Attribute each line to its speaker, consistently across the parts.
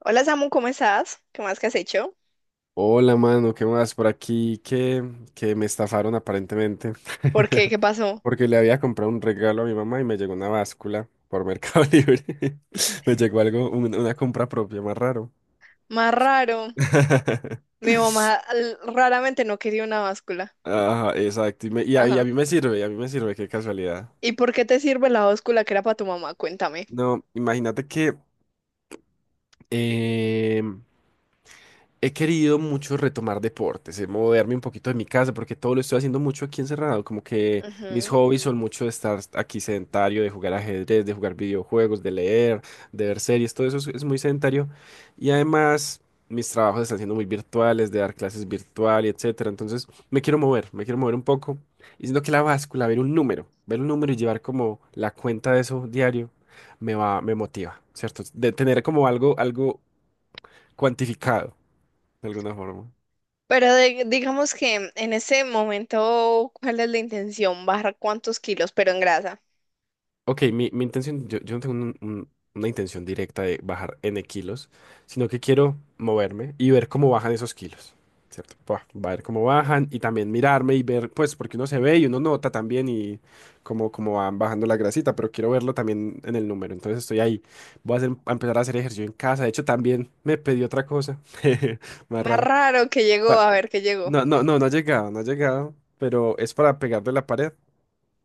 Speaker 1: Hola Samu, ¿cómo estás? ¿Qué más que has hecho?
Speaker 2: Hola, mano, ¿qué más? Por aquí que me estafaron aparentemente.
Speaker 1: ¿Por qué? ¿Qué pasó?
Speaker 2: Porque le había comprado un regalo a mi mamá y me llegó una báscula por Mercado Libre. Me llegó algo, una compra propia, más raro.
Speaker 1: Más raro. Mi mamá raramente no quería una báscula.
Speaker 2: Ajá, exacto. Y a
Speaker 1: Ajá.
Speaker 2: mí me sirve, y a mí me sirve, qué casualidad.
Speaker 1: ¿Y por qué te sirve la báscula que era para tu mamá? Cuéntame.
Speaker 2: No, imagínate que em, he querido mucho retomar deportes, moverme un poquito de mi casa, porque todo lo estoy haciendo mucho aquí encerrado. Como que mis
Speaker 1: Ujú.
Speaker 2: hobbies son mucho de estar aquí sedentario, de jugar ajedrez, de jugar videojuegos, de leer, de ver series, todo eso es muy sedentario. Y además, mis trabajos están siendo muy virtuales, de dar clases virtual y etcétera. Entonces, me quiero mover un poco. Y siento que la báscula, ver un número y llevar como la cuenta de eso diario, me motiva, ¿cierto? De tener como algo, algo cuantificado, de alguna forma.
Speaker 1: Pero digamos que en ese momento, ¿cuál es la intención? ¿Bajar cuántos kilos, pero en grasa?
Speaker 2: Ok, mi intención, yo no tengo una intención directa de bajar N kilos, sino que quiero moverme y ver cómo bajan esos kilos, ¿cierto? Pa, va a ver cómo bajan y también mirarme y ver, pues, porque uno se ve y uno nota también y cómo van bajando la grasita, pero quiero verlo también en el número, entonces estoy ahí. Voy a empezar a hacer ejercicio en casa, de hecho también me pedí otra cosa, más
Speaker 1: Más
Speaker 2: rara.
Speaker 1: raro que llegó,
Speaker 2: Pa-
Speaker 1: a ver qué llegó.
Speaker 2: No, no, no, no ha llegado, no ha llegado, pero es para pegarle a la pared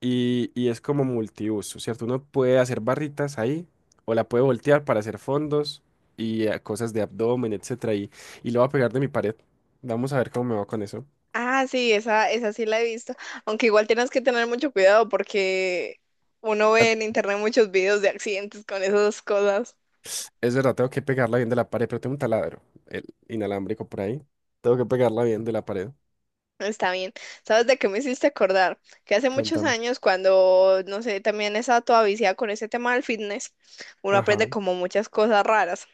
Speaker 2: y es como multiuso, ¿cierto? Uno puede hacer barritas ahí o la puede voltear para hacer fondos y cosas de abdomen, etcétera. Y lo voy a pegar de mi pared. Vamos a ver cómo me va con eso.
Speaker 1: Ah, sí, esa sí la he visto. Aunque igual tienes que tener mucho cuidado porque uno
Speaker 2: Ah,
Speaker 1: ve en internet muchos videos de accidentes con esas cosas.
Speaker 2: Es verdad, tengo que pegarla bien de la pared, pero tengo un taladro el inalámbrico por ahí. Tengo que pegarla bien de la pared.
Speaker 1: Está bien. ¿Sabes de qué me hiciste acordar? Que hace muchos
Speaker 2: Contame.
Speaker 1: años, cuando, no sé, también estaba toda viciada con ese tema del fitness, uno
Speaker 2: Ajá.
Speaker 1: aprende como muchas cosas raras.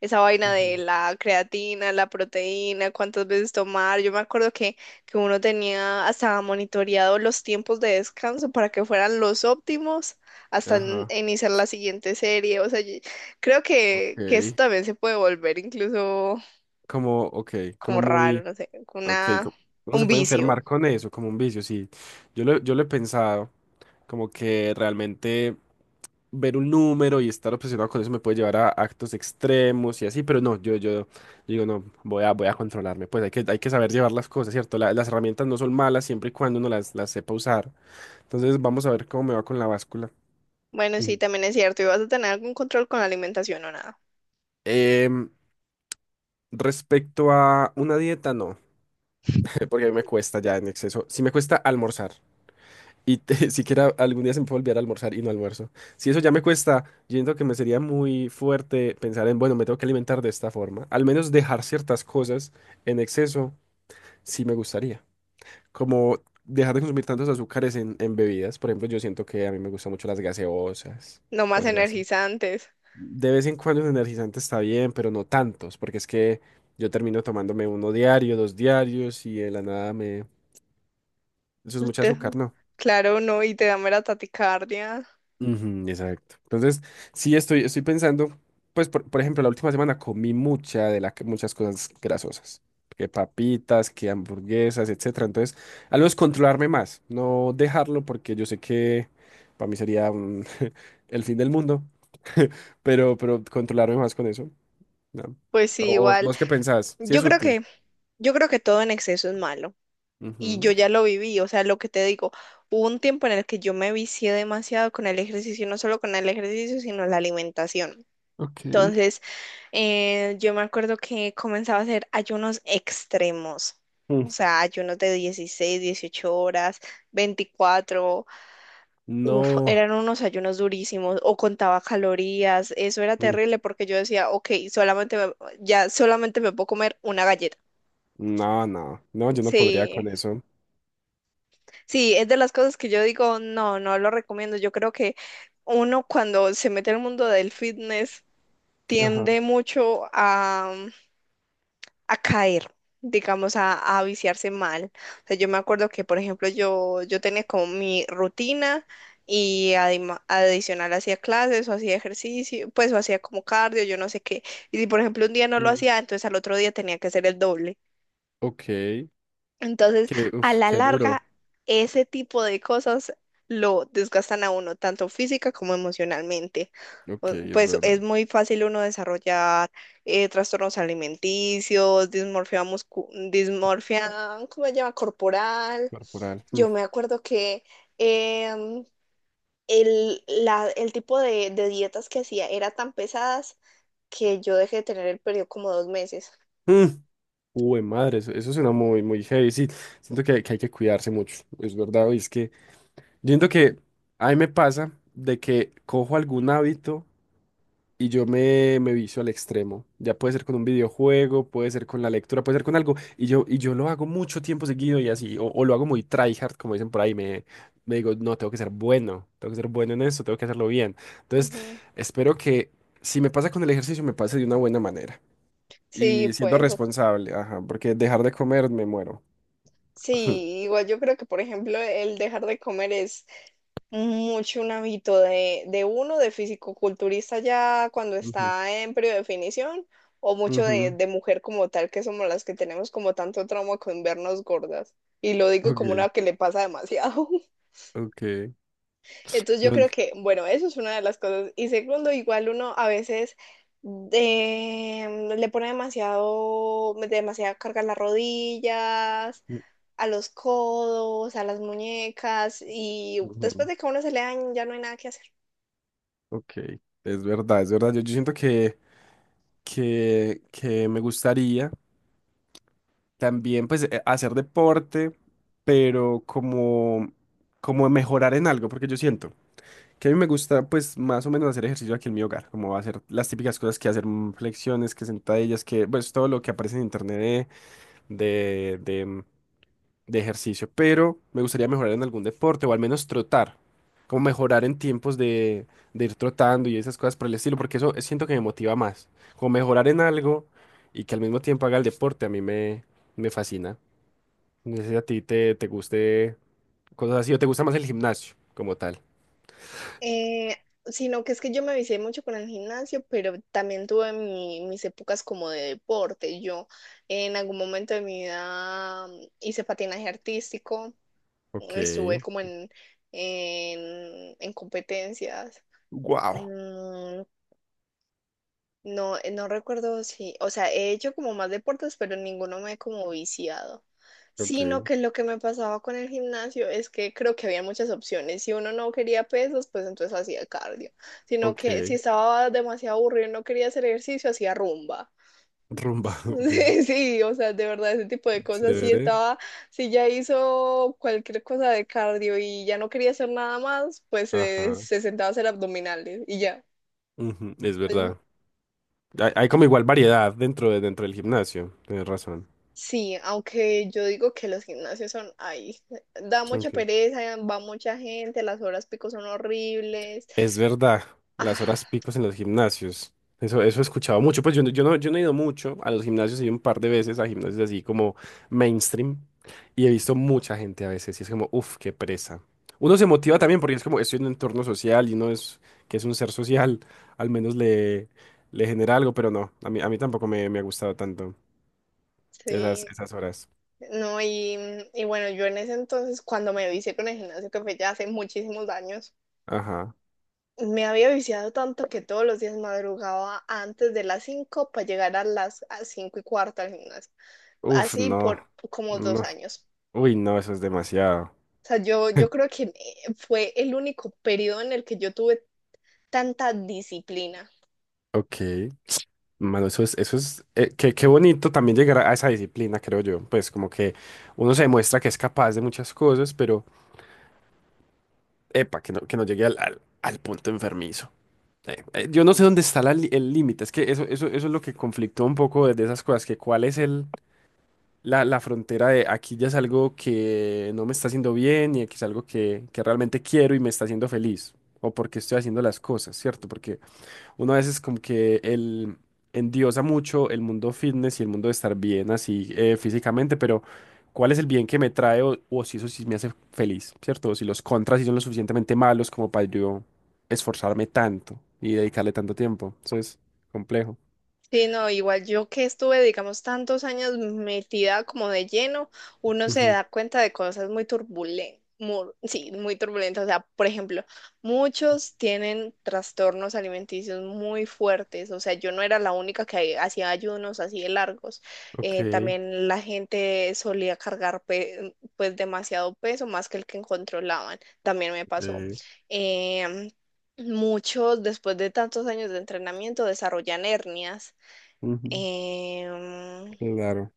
Speaker 1: Esa vaina de
Speaker 2: Ujú.
Speaker 1: la creatina, la proteína, cuántas veces tomar. Yo me acuerdo que uno tenía hasta monitoreado los tiempos de descanso para que fueran los óptimos hasta
Speaker 2: Ajá.
Speaker 1: iniciar la siguiente serie. O sea, creo que eso
Speaker 2: Ok.
Speaker 1: también se puede volver incluso
Speaker 2: Como, ok, como
Speaker 1: como raro,
Speaker 2: muy,
Speaker 1: no sé,
Speaker 2: ok. Uno
Speaker 1: un
Speaker 2: se puede
Speaker 1: vicio.
Speaker 2: enfermar con eso, como un vicio, sí. Yo lo he pensado, como que realmente ver un número y estar obsesionado con eso me puede llevar a actos extremos y así, pero no, yo digo, no, voy a controlarme, pues hay que saber llevar las cosas, ¿cierto? Las herramientas no son malas siempre y cuando uno las sepa usar. Entonces vamos a ver cómo me va con la báscula.
Speaker 1: Bueno, sí,
Speaker 2: Ujú.
Speaker 1: también es cierto. ¿Y vas a tener algún control con la alimentación o nada?
Speaker 2: Em, respecto a una dieta, no, porque a mí me cuesta ya en exceso, sí me cuesta almorzar. Siquiera algún día se me puede olvidar almorzar y no almuerzo. Si eso ya me cuesta, yo siento que me sería muy fuerte pensar en, bueno, me tengo que alimentar de esta forma. Al menos dejar ciertas cosas en exceso, sí me gustaría. Como dejar de consumir tantos azúcares en bebidas. Por ejemplo, yo siento que a mí me gustan mucho las gaseosas,
Speaker 1: No más
Speaker 2: cosas así.
Speaker 1: energizantes.
Speaker 2: De vez en cuando un energizante está bien, pero no tantos, porque es que yo termino tomándome uno diario, dos diarios y de la nada me... Eso es mucho
Speaker 1: Te-
Speaker 2: azúcar, ¿no?
Speaker 1: Claro, no, y te da mera taticardia.
Speaker 2: Ujú, exacto. Entonces, sí estoy pensando, pues por ejemplo, la última semana comí muchas cosas grasosas, que papitas, que hamburguesas, etcétera. Entonces, al menos controlarme más, no dejarlo porque yo sé que para mí sería el fin del mundo, pero controlarme más con eso. ¿No?
Speaker 1: Pues sí,
Speaker 2: O,
Speaker 1: igual.
Speaker 2: vos qué pensás, si
Speaker 1: Yo
Speaker 2: es
Speaker 1: creo
Speaker 2: útil.
Speaker 1: que, yo creo que todo en exceso es malo. Y
Speaker 2: Ujú.
Speaker 1: yo ya lo viví, o sea, lo que te digo, hubo un tiempo en el que yo me vicié demasiado con el ejercicio, no solo con el ejercicio, sino la alimentación.
Speaker 2: Ok.
Speaker 1: Entonces, yo me acuerdo que comenzaba a hacer ayunos extremos,
Speaker 2: Mm.
Speaker 1: o sea, ayunos de 16, 18 horas, 24. Uf,
Speaker 2: No.
Speaker 1: eran unos ayunos durísimos, o contaba calorías, eso era
Speaker 2: Mm.
Speaker 1: terrible porque yo decía, ok, solamente ya solamente me puedo comer una galleta.
Speaker 2: No, yo no podría con
Speaker 1: Sí,
Speaker 2: eso.
Speaker 1: sí, es de las cosas que yo digo, no, no lo recomiendo. Yo creo que uno cuando se mete al mundo del fitness
Speaker 2: Ajá.
Speaker 1: tiende mucho a caer, digamos, a viciarse mal. O sea, yo me acuerdo que, por ejemplo, yo tenía como mi rutina y adicional hacía clases o hacía ejercicio, pues o hacía como cardio, yo no sé qué. Y si, por ejemplo, un día no lo hacía, entonces al otro día tenía que hacer el doble.
Speaker 2: Ok, que,
Speaker 1: Entonces, a
Speaker 2: uf,
Speaker 1: la
Speaker 2: qué duro.
Speaker 1: larga, ese tipo de cosas lo desgastan a uno, tanto física como emocionalmente.
Speaker 2: Ok, es
Speaker 1: Pues es
Speaker 2: verdad.
Speaker 1: muy fácil uno desarrollar trastornos alimenticios, dismorfia dismorfia, ¿cómo se llama? Corporal.
Speaker 2: Corporal. Mm.
Speaker 1: Yo me acuerdo que em, el tipo de dietas que hacía era tan pesadas que yo dejé de tener el periodo como 2 meses.
Speaker 2: Mm. Uy, madre, eso suena muy, muy heavy. Sí, siento que hay que cuidarse mucho. Es verdad, y es que yo siento que a mí me pasa de que cojo algún hábito. Y yo me vicio al extremo. Ya puede ser con un videojuego, puede ser con la lectura, puede ser con algo. Y yo lo hago mucho tiempo seguido y así. O lo hago muy tryhard, como dicen por ahí. Me digo, no, tengo que ser bueno. Tengo que ser bueno en eso, tengo que hacerlo bien. Entonces,
Speaker 1: Ujú.
Speaker 2: espero que si me pasa con el ejercicio, me pase de una buena manera. Y
Speaker 1: Sí,
Speaker 2: siendo
Speaker 1: pues.
Speaker 2: responsable, ajá, porque dejar de comer me muero.
Speaker 1: Sí, igual yo creo que, por ejemplo, el dejar de comer es mucho un hábito de uno, de fisicoculturista ya cuando
Speaker 2: Ujú,
Speaker 1: está en definición, o mucho
Speaker 2: ujú,
Speaker 1: de mujer como tal, que somos las que tenemos como tanto trauma con vernos gordas. Y lo digo como
Speaker 2: ok,
Speaker 1: una que le pasa demasiado.
Speaker 2: ok.
Speaker 1: Entonces yo
Speaker 2: No, n-
Speaker 1: creo que, bueno, eso es una de las cosas. Y segundo, igual uno a veces le pone demasiada carga a las rodillas, a los codos, a las muñecas, y después
Speaker 2: ujú,
Speaker 1: de que a uno se le dañe ya no hay nada que hacer.
Speaker 2: ok. Es verdad, es verdad. Yo siento que que me gustaría también, pues, hacer deporte, pero como, como mejorar en algo, porque yo siento que a mí me gusta, pues, más o menos hacer ejercicio aquí en mi hogar, como hacer las típicas cosas que hacer flexiones, que sentadillas, que, pues, todo lo que aparece en internet de, de, de ejercicio, pero me gustaría mejorar en algún deporte o al menos trotar, como mejorar en tiempos de ir trotando y esas cosas por el estilo, porque eso siento que me motiva más, como mejorar en algo y que al mismo tiempo haga el deporte, me fascina. No sé si a ti te guste cosas así o te gusta más el gimnasio como tal.
Speaker 1: Eh, Sino que es que yo me vicié mucho con el gimnasio, pero también tuve mis épocas como de deporte. Yo en algún momento de mi vida hice patinaje artístico.
Speaker 2: Ok,
Speaker 1: Estuve como en competencias.
Speaker 2: wow,
Speaker 1: Mm, no, no recuerdo si, o sea, he hecho como más deportes, pero ninguno me he como viciado. Sino
Speaker 2: ok,
Speaker 1: que lo que me pasaba con el gimnasio es que creo que había muchas opciones. Si uno no quería pesas, pues entonces hacía cardio. Sino que si
Speaker 2: ok,
Speaker 1: estaba demasiado aburrido y no quería hacer ejercicio, hacía rumba.
Speaker 2: rumba, ok,
Speaker 1: Sí, sí, o sea, de verdad, ese tipo de cosas, sí
Speaker 2: chévere,
Speaker 1: estaba, si ya hizo cualquier cosa de cardio y ya no quería hacer nada más, pues
Speaker 2: ajá,
Speaker 1: se sentaba a hacer abdominales y ya.
Speaker 2: ujú, es
Speaker 1: Pues,
Speaker 2: verdad. Hay como igual variedad dentro dentro del gimnasio, tienes razón.
Speaker 1: sí, aunque yo digo que los gimnasios son, ay, da mucha
Speaker 2: Ok.
Speaker 1: pereza, va mucha gente, las horas pico son horribles.
Speaker 2: Es verdad, las horas
Speaker 1: Ah,
Speaker 2: picos en los gimnasios. Eso he escuchado mucho. Pues yo, yo no, yo no he ido mucho a los gimnasios, he ido un par de veces a gimnasios así como mainstream y he visto mucha gente a veces y es como, uff, qué presa. Uno se motiva también
Speaker 1: sí,
Speaker 2: porque es como, estoy en un entorno social y uno es, que es un ser social, al menos le genera algo, pero no, a mí tampoco me ha gustado tanto esas,
Speaker 1: sí,
Speaker 2: esas horas.
Speaker 1: no, y bueno, yo en ese entonces, cuando me lo hice con el gimnasio, que fue ya hace muchísimos años,
Speaker 2: Ajá.
Speaker 1: me había viciado tanto que todos los días madrugaba antes de las 5 para llegar a 5:15 al gimnasio.
Speaker 2: Uff,
Speaker 1: Así por
Speaker 2: no,
Speaker 1: como dos
Speaker 2: no.
Speaker 1: años.
Speaker 2: Uy, no, eso es demasiado.
Speaker 1: O sea, yo creo que fue el único periodo en el que yo tuve tanta disciplina.
Speaker 2: Ok. Mano, qué, qué bonito también llegar a esa disciplina, creo yo. Pues como que uno se demuestra que es capaz de muchas cosas, pero, epa, que no llegue al punto enfermizo. Yo no sé dónde está la el límite, es que eso es lo que conflictó un poco de esas cosas, que cuál es la, la frontera de aquí ya es algo que no me está haciendo bien y aquí es algo que realmente quiero y me está haciendo feliz, o porque estoy haciendo las cosas, ¿cierto? Porque... Uno a veces como que endiosa mucho el mundo fitness y el mundo de estar bien así físicamente, pero ¿cuál es el bien que me trae o si eso sí me hace feliz, ¿cierto? O si los contras sí son lo suficientemente malos como para yo esforzarme tanto y dedicarle tanto tiempo. Eso es complejo.
Speaker 1: Sí, no, igual yo que estuve, digamos, tantos años metida como de lleno, uno se
Speaker 2: Ujú.
Speaker 1: da cuenta de cosas muy turbulentas, sí, muy turbulentas. O sea, por ejemplo, muchos tienen trastornos alimenticios muy fuertes. O sea, yo no era la única que hacía ayunos así de largos.
Speaker 2: Ok.
Speaker 1: También la gente solía cargar pues demasiado peso, más que el que controlaban. También me pasó.
Speaker 2: Eh,
Speaker 1: Em, Muchos, después de tantos años de entrenamiento, desarrollan hernias
Speaker 2: ujú.
Speaker 1: em,
Speaker 2: Claro.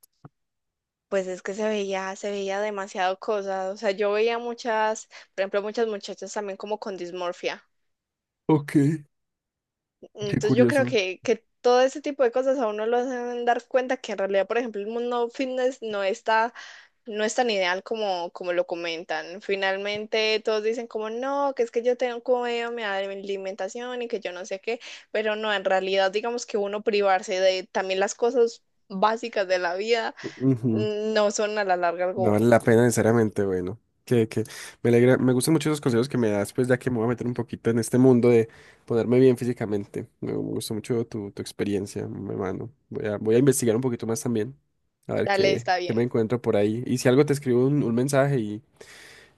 Speaker 1: pues es que se veía demasiado cosas. O sea, yo veía muchas, por ejemplo, muchas muchachas también como con dismorfia.
Speaker 2: Ok, qué
Speaker 1: Entonces yo creo
Speaker 2: curioso.
Speaker 1: que todo ese tipo de cosas a uno lo hacen dar cuenta que en realidad, por ejemplo, el mundo fitness no es tan ideal como lo comentan. Finalmente todos dicen como no, que es que yo tengo como medio mi alimentación y que yo no sé qué, pero no, en realidad digamos que uno privarse de también las cosas básicas de la vida
Speaker 2: Ujú.
Speaker 1: no son a la larga algo
Speaker 2: No
Speaker 1: bueno.
Speaker 2: vale la pena necesariamente, bueno. Que me alegra, me gustan mucho esos consejos que me das, pues ya que me voy a meter un poquito en este mundo de ponerme bien físicamente. Me gustó mucho tu experiencia, mi hermano. Voy a investigar un poquito más también, a ver
Speaker 1: Dale,
Speaker 2: qué,
Speaker 1: está
Speaker 2: qué me
Speaker 1: bien.
Speaker 2: encuentro por ahí. Y si algo te escribo un mensaje y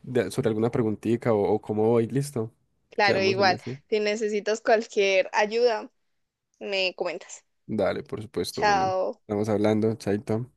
Speaker 2: sobre alguna preguntita o cómo voy, listo.
Speaker 1: Claro,
Speaker 2: Quedamos en
Speaker 1: igual.
Speaker 2: eso.
Speaker 1: Si necesitas cualquier ayuda, me comentas.
Speaker 2: Dale, por supuesto, bueno.
Speaker 1: Chao.
Speaker 2: Estamos hablando, chaito.